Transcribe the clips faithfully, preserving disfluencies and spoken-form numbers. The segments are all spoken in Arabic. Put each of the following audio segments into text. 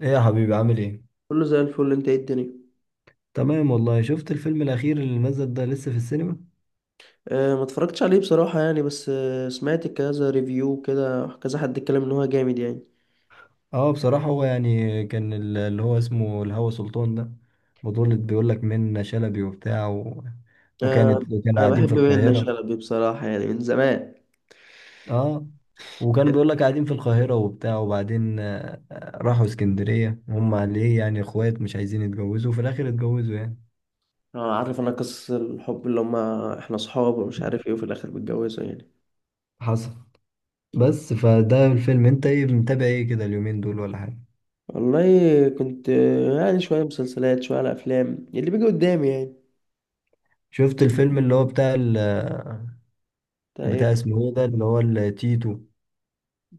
ايه يا حبيبي، عامل ايه؟ كله زي الفل. انت ايه الدنيا؟ تمام والله. شفت الفيلم الاخير اللي نزل ده لسه في السينما؟ أه، ما اتفرجتش عليه بصراحة يعني، بس أه سمعت كذا ريفيو كده، كذا حد اتكلم ان هو جامد يعني. اه، بصراحة هو يعني كان ال- اللي هو اسمه الهوى سلطان ده. بطولة بيقول لك منة شلبي وبتاع و... وكانت أه، كانوا انا قاعدين في بحب منة القاهرة. شلبي بصراحة يعني من زمان. اه، وكانوا بيقول لك قاعدين في القاهرة وبتاع وبعدين آه، آه، راحوا اسكندرية. هم ليه يعني اخوات مش عايزين يتجوزوا، وفي الاخر اتجوزوا يعني. اه، عارف، انا قصص الحب اللي هما احنا صحاب ومش عارف ايه وفي الاخر بيتجوزوا يعني. حصل. بس فده الفيلم، انت ايه متابع ايه كده اليومين دول ولا حاجة؟ والله كنت آه، يعني شوية مسلسلات، شوية على افلام يعني اللي بيجي قدامي يعني. شفت الفيلم اللي هو بتاع ال طيب. بتاع اسمه ايه ده اللي هو التيتو؟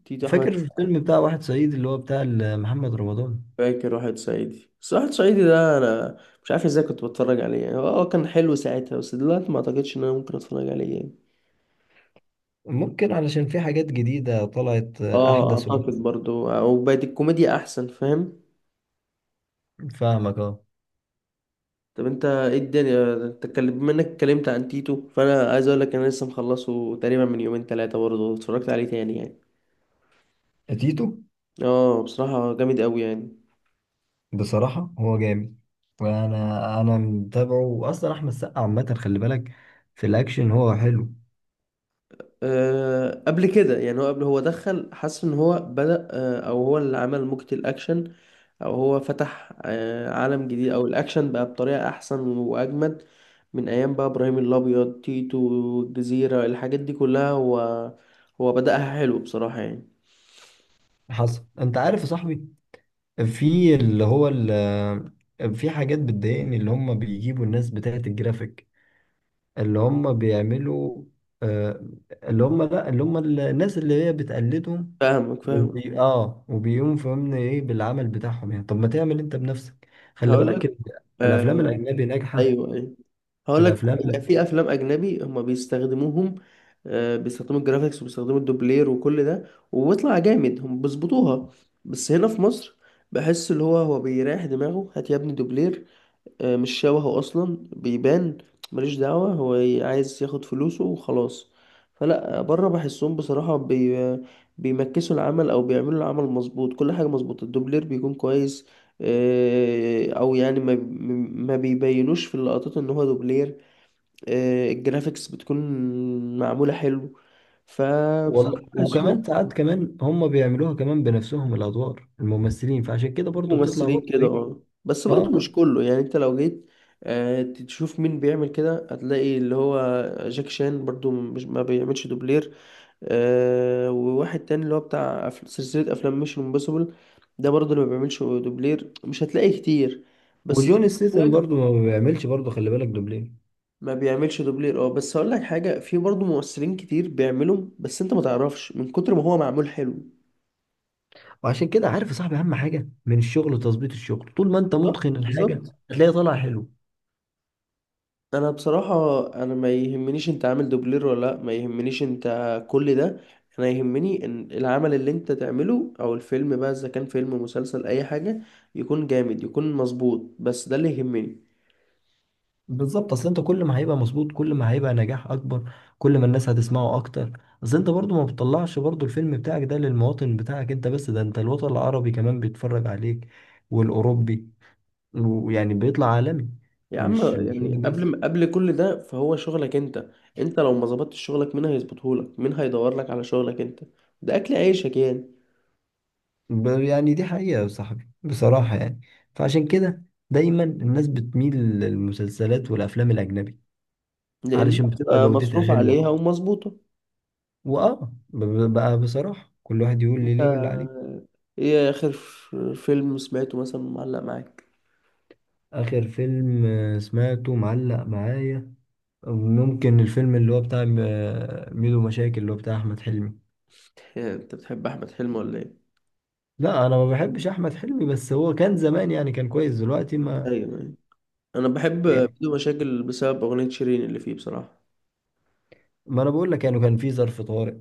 تيتو احمد. فاكر الفيلم بتاع واحد صعيدي اللي هو بتاع ال- محمد رمضان؟ فاكر واحد صعيدي، بس واحد صعيدي ده انا مش عارف ازاي كنت بتفرج عليه يعني. هو هو كان حلو ساعتها، بس دلوقتي ما اعتقدش ان انا ممكن اتفرج عليه يعني. ممكن علشان في حاجات جديدة طلعت، آه، اه، أحدث وأحسن. اعتقد برضو، او بقت الكوميديا احسن، فاهم؟ فاهمك، اه. طب انت ايه الدنيا؟ انت اتكلم- بما انك اتكلمت عن تيتو، فانا عايز اقول لك انا لسه مخلصه تقريبا من يومين ثلاثه، برضو اتفرجت عليه تاني يعني. تيتو. اه، بصراحه جامد قوي يعني. بصراحة هو جامد. وأنا أنا متابعه، وأصلا أحمد السقا عامة خلي بالك. في الأكشن هو حلو. آه، قبل كده يعني، هو قبل هو دخل حس ان هو بدأ، آه، او هو اللي عمل موجة الاكشن، او هو فتح آه، عالم جديد، او الاكشن بقى بطريقة احسن واجمد من ايام بقى ابراهيم الابيض، تيتو، والجزيرة، الحاجات دي كلها هو. هو بدأها حلو بصراحة يعني. حصل. أنت عارف يا صاحبي، في اللي هو ال- في حاجات بتضايقني، اللي هم بيجيبوا الناس بتاعت الجرافيك. اللي هم بيعملوا آه، اللي هم لا اللي هم الناس اللي هي بتقلدهم. فاهمك، فاهمك. وبي... اه، وبيقوم فهمنا ايه بالعمل بتاعهم يعني. طب ما تعمل انت بنفسك. خلي هقول لك. بالك ال- الافلام آه، الاجنبي ناجحه. ايوه، ايوه. هقول لك، الافلام، لا. في افلام اجنبي هم بيستخدموهم. آه، بيستخدموا الجرافيكس، وبيستخدموا الدوبلير، وكل ده، وبيطلع جامد، هم بيظبطوها. بس هنا في مصر، بحس اللي هو هو بيريح دماغه، هات يا ابني دوبلير. آه، مش شبهه اصلا، بيبان. ماليش دعوة، هو ي- عايز ياخد فلوسه وخلاص. فلا، بره بحسهم بصراحة، بي بيمكسوا العمل، او بيعملوا العمل مظبوط، كل حاجة مظبوطة، الدوبلير بيكون كويس، آه، او يعني، ما ما بيبينوش في اللقطات ان هو دوبلير. آه، الجرافيكس بتكون معمولة حلو. فبصراحة والله بحسهم وكمان ساعات كمان هم بيعملوها كمان بنفسهم الادوار الممثلين، فعشان كده برضو بتطلع ممثلين برضو كده، ايه. اه، بس برضه اه، مش كله يعني. انت لو جيت آه، تشوف مين بيعمل كده، هتلاقي اللي هو جاك شان برضو مش ما بيعملش دوبلير، آه، وواحد تاني اللي هو بتاع أف- سلسلة أفلام ميشن امبوسيبل، ده برضو اللي ما بيعملش دوبلير، مش هتلاقي كتير بس زي وجون ما ستيثم قلت لك، برضو ما بيعملش برضو خلي بالك دوبلين. ما بيعملش دوبلير. اه بس هقول لك حاجة، في برضو ممثلين كتير بيعملهم، بس انت ما تعرفش من كتر ما هو معمول حلو. وعشان كده عارف يا صاحبي، اهم حاجه من الشغل وتظبيط الشغل، طول ما انت بالظبط، متقن الحاجه بالظبط. هتلاقيها طالعه حلو. انا بصراحة، انا ما يهمنيش انت عامل دوبلير ولا لا، ما يهمنيش انت كل ده. انا يهمني ان العمل اللي انت تعمله، او الفيلم بقى، اذا كان فيلم مسلسل اي حاجة، يكون جامد، يكون مظبوط، بس ده اللي يهمني. بالظبط، اصل انت كل ما هيبقى مظبوط كل ما هيبقى نجاح اكبر، كل ما الناس هتسمعه اكتر. اصل انت برضو ما بتطلعش برضو الفيلم بتاعك ده للمواطن بتاعك انت بس، ده انت الوطن العربي كمان بيتفرج عليك، والاوروبي، ويعني بيطلع عالمي. يا عم مش مش يعني، واحد قبل بس. ما قبل كل ده، فهو شغلك انت. انت لو ما ظبطتش شغلك، مين هيظبطهولك؟ مين هيدور لك على شغلك؟ انت، ده اكل عيشك يعني. ب- يعني دي حقيقة يا صاحبي بصراحة يعني. فعشان كده دايما الناس بتميل للمسلسلات والافلام الاجنبي لان علشان بتبقى آه، جودتها مصروف حلوة. عليها ومظبوطة. واه ب- ب- بقى بصراحة كل واحد يقول لي انت، ليه واللي عليه. ايه اخر فيلم سمعته مثلا معلق معاك؟ آخر فيلم آه، سمعته معلق معايا. ممكن الفيلم اللي هو بتاع م- آه، ميدو مشاكل اللي هو بتاع أحمد حلمي. إيه، انت بتحب احمد حلمي ولا ايه؟ لا، أنا ما بحبش أحمد حلمي، بس هو كان زمان يعني كان كويس، دلوقتي ما. ايوه، أيوة. انا بحب يعني بدون مشاكل بسبب اغنيه شيرين اللي فيه بصراحه. ما أنا بقول لك يعني كان في ظرف طارئ.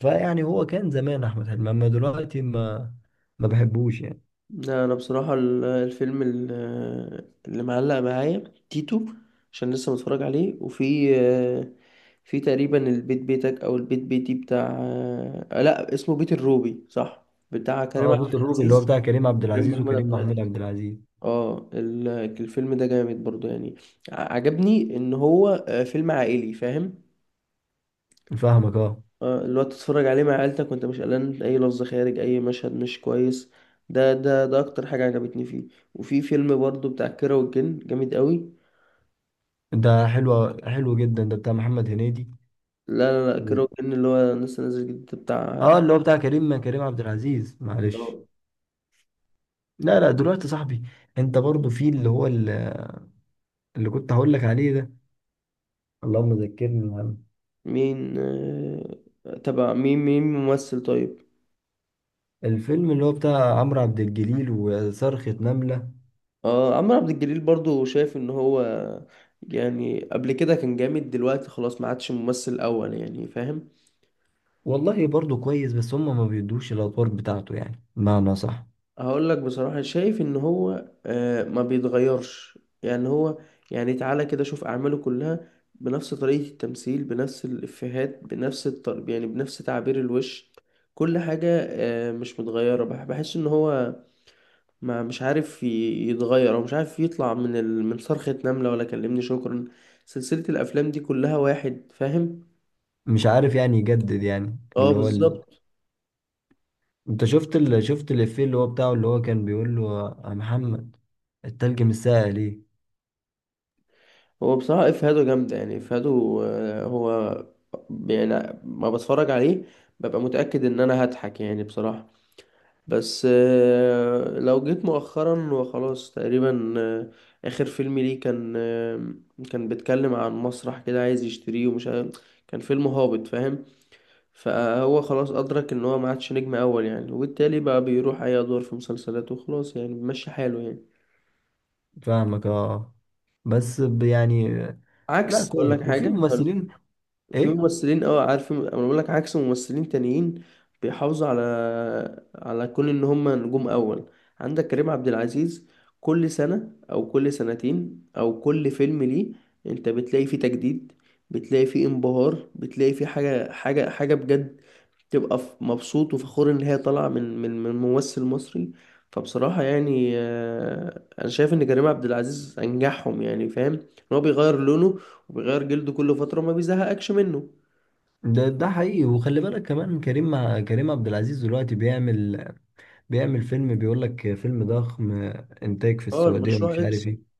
فيعني هو كان زمان أحمد حلمي، أما دلوقتي ما ما بحبوش يعني. لا، انا بصراحه ال- الفيلم ال- اللي معلق معايا تيتو، عشان لسه متفرج عليه، وفي آه، في تقريبا البيت بيتك او البيت بيتي بتاع، آه، لا، اسمه بيت الروبي، صح، بتاع كريم اه، عبد بوت الروبي اللي هو العزيز. بتاع كريم عبد كريم العزيز محمود وكريم عبد العزيز. محمود عبد العزيز. اه، ال- الفيلم ده جامد برضو يعني. ع- عجبني ان هو آه، فيلم عائلي، فاهم؟ فاهمك، اه. آه، اللي هو تتفرج عليه مع عيلتك وانت مش قلقان، اي لفظ خارج، اي مشهد مش كويس، ده ده ده اكتر حاجة عجبتني فيه. وفي فيلم برضو بتاع كيرة والجن، جامد قوي. ده حلو حلو جدا، ده بتاع محمد هنيدي. لا، لا، لا، كيرة والجن اللي هو لسه نازل جديد بتاع اه، اللي احمد. هو بتاع كريم كريم عبد العزيز، معلش. آه، لا لا، دلوقتي يا صاحبي انت برضو في اللي هو ال- اللي كنت هقول لك عليه ده. اللهم ذكرني الهم. مين آه، تبع؟ مين مين ممثل طيب؟ الفيلم اللي هو بتاع عمرو عبد الجليل وصرخة نملة. اه، عمرو عبد الجليل برضو شايف ان هو يعني قبل كده كان جامد، دلوقتي خلاص ما عادش ممثل اول يعني، فاهم؟ والله برضو كويس، بس هم ما بيدوش الادوار بتاعته يعني، بمعنى صح. هقول لك بصراحة، شايف ان هو آه، ما بيتغيرش يعني. هو يعني، تعالى كده شوف اعماله كلها، بنفس طريقة التمثيل، بنفس الافيهات، بنفس الطرب يعني، بنفس تعبير الوش، كل حاجة آه، مش متغيرة. بح- بحس ان هو ما مش عارف ي- يتغير، او مش عارف يطلع من ال... من صرخة نملة ولا كلمني شكرا، سلسلة الافلام دي كلها واحد، فاهم؟ مش عارف يعني يجدد يعني اه، اللي هو ال... بالظبط. انت شفت ال... شفت الافيه اللي هو بتاعه اللي هو كان بيقول له، يا محمد، التلج مش ساقع ليه؟ هو بصراحة إفهاده جامدة يعني، إفهاده آه، هو يعني، ما بتفرج عليه ببقى متأكد إن أنا هضحك يعني بصراحة. بس آه، لو جيت مؤخرا وخلاص تقريبا، آه، آخر فيلم ليه كان آه، كان بيتكلم عن مسرح كده عايز يشتريه ومش عارف، كان فيلم هابط، فاهم؟ فهو خلاص أدرك إن هو ما عادش نجم أول يعني، وبالتالي بقى بيروح أي أدوار في مسلسلات وخلاص يعني، بيمشي حاله يعني. فاهمك، اه. بس ب- يعني. لا، عكس، أقول لك كويس. وفي حاجة. ممثلين. في ايه؟ ممثلين، اه، عارف، انا بقول لك عكس، ممثلين تانيين بيحافظوا على على كون ان هم نجوم اول. عندك كريم عبد العزيز، كل سنة او كل سنتين او كل فيلم ليه، انت بتلاقي فيه تجديد، بتلاقي فيه انبهار، بتلاقي فيه حاجة، حاجة، حاجة بجد، تبقى ف- مبسوط وفخور ان هي طالعة من من من ممثل مصري. فبصراحة يعني، آه، انا شايف ان كريم عبد العزيز انجحهم يعني، فاهم ان هو بيغير لونه وبيغير جلده كل فترة، ما بيزهقكش منه. ده ده حقيقي. وخلي بالك كمان، كريم مع كريم عبد العزيز دلوقتي بيعمل بيعمل فيلم، بيقول لك فيلم ضخم، انتاج في اه، السعودية ومش المشروع عارف اكس. ايه.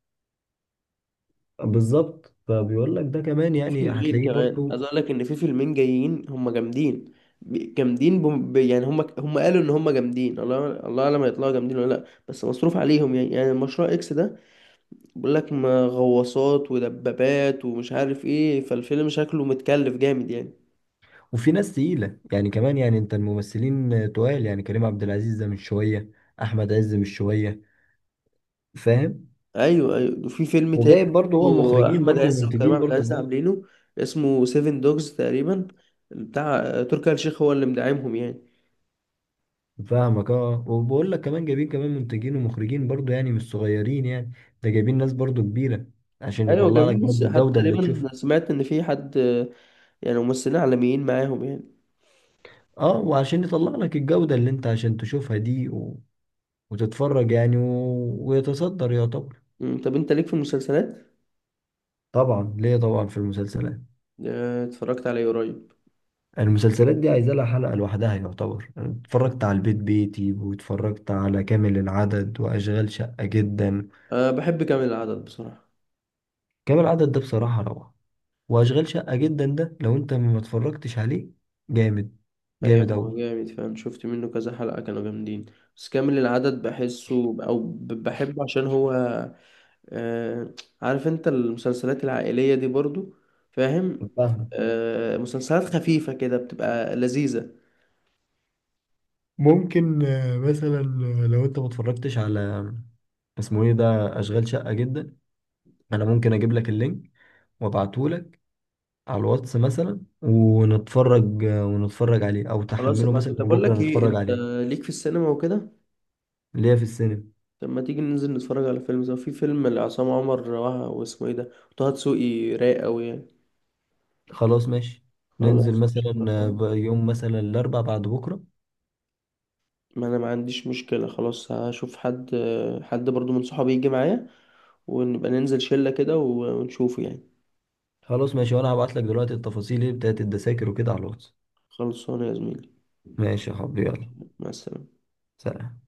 بالظبط، فبيقول لك ده كمان في يعني، فيلمين هتلاقيه كمان عايز برضو. اقول لك ان في فيلمين جايين هم جامدين، ب- جامدين بم... ب- يعني، هم هم قالوا ان هم جامدين، الله الله اعلم هيطلعوا جامدين ولا لا، بس مصروف عليهم يعني يعني المشروع اكس ده، بيقول لك ما غواصات ودبابات ومش عارف ايه، فالفيلم شكله متكلف جامد يعني. وفي ناس تقيلة يعني كمان، يعني انت الممثلين تقال يعني. كريم عبد العزيز ده مش شوية. احمد عز مش شوية. فاهم؟ ايوه، ايوه، وفي فيلم تاني وجايب برضو هو برضه مخرجين احمد برضو عز وكريم ومنتجين عبد برضو. العزيز عاملينه، اسمه سيفن دوجز تقريبا، بتاع تركي آل الشيخ، هو اللي مدعمهم يعني. فاهمك، اه. وبقول لك كمان جايبين كمان منتجين ومخرجين برضو، يعني مش صغيرين يعني. ده جايبين ناس برضو كبيرة، عشان ايوه، يطلع لك جميل، بس برضو حتى الجودة اللي تشوفها. تقريبا سمعت ان في حد، يعني ممثلين عالميين معاهم يعني. اه، وعشان يطلع لك الجودة اللي انت عشان تشوفها دي و... وتتفرج يعني و... ويتصدر يعتبر. أمم، طب انت ليك في المسلسلات طبعا ليه، طبعا في المسلسلات. آه، اتفرجت عليه قريب؟ المسلسلات دي عايزة لها حلقة لوحدها يعتبر. أنا اتفرجت على البيت بيتي، واتفرجت على كامل العدد، وأشغال شقة جدا. أه، بحب كامل العدد بصراحة. كامل العدد ده بصراحة روعة. واشغال شقة جدا ده، لو انت ما اتفرجتش عليه، جامد. ايوه، جامد اوي. هو جامد، فاهم، شفت منه كذا حلقة كانوا جامدين، بس كامل العدد بحسه، او ب- بحبه عشان هو أه، عارف انت المسلسلات العائلية دي برضو، فاهم؟ فاهمة؟ أه، مسلسلات خفيفة كده بتبقى لذيذة. ممكن آه، مثلا آه، لو انت ما اتفرجتش على، آه، اسمه ايه ده، اشغال شقة جدا. انا ممكن اجيب لك اللينك وابعته لك على الواتس مثلا، ونتفرج آه، ونتفرج عليه، او خلاص، تحمله ابعته. مثلا طب اقول لك وبكره ايه، نتفرج انت عليه. ليك في السينما وكده؟ اللي هي في السينما. طب ما تيجي ننزل نتفرج على فيلم سوا، في فيلم لعصام عمر وه- واسمه ايه ده، وطه دسوقي، رايق قوي يعني. خلاص ماشي. ننزل خلاص، مثلا آه، قشطة. ب- يوم مثلا الاربع بعد بكره. ما انا ما عنديش مشكلة، خلاص هشوف حد حد برضو من صحابي يجي معايا، ونبقى ننزل شلة كده ونشوفه يعني. خلاص ماشي، وانا هبعت لك دلوقتي التفاصيل ايه بتاعت الدساكر وكده على الواتس. خلصانه يا زميلي. ماشي يا حبيبي، يلا. مع السلامة. سلام.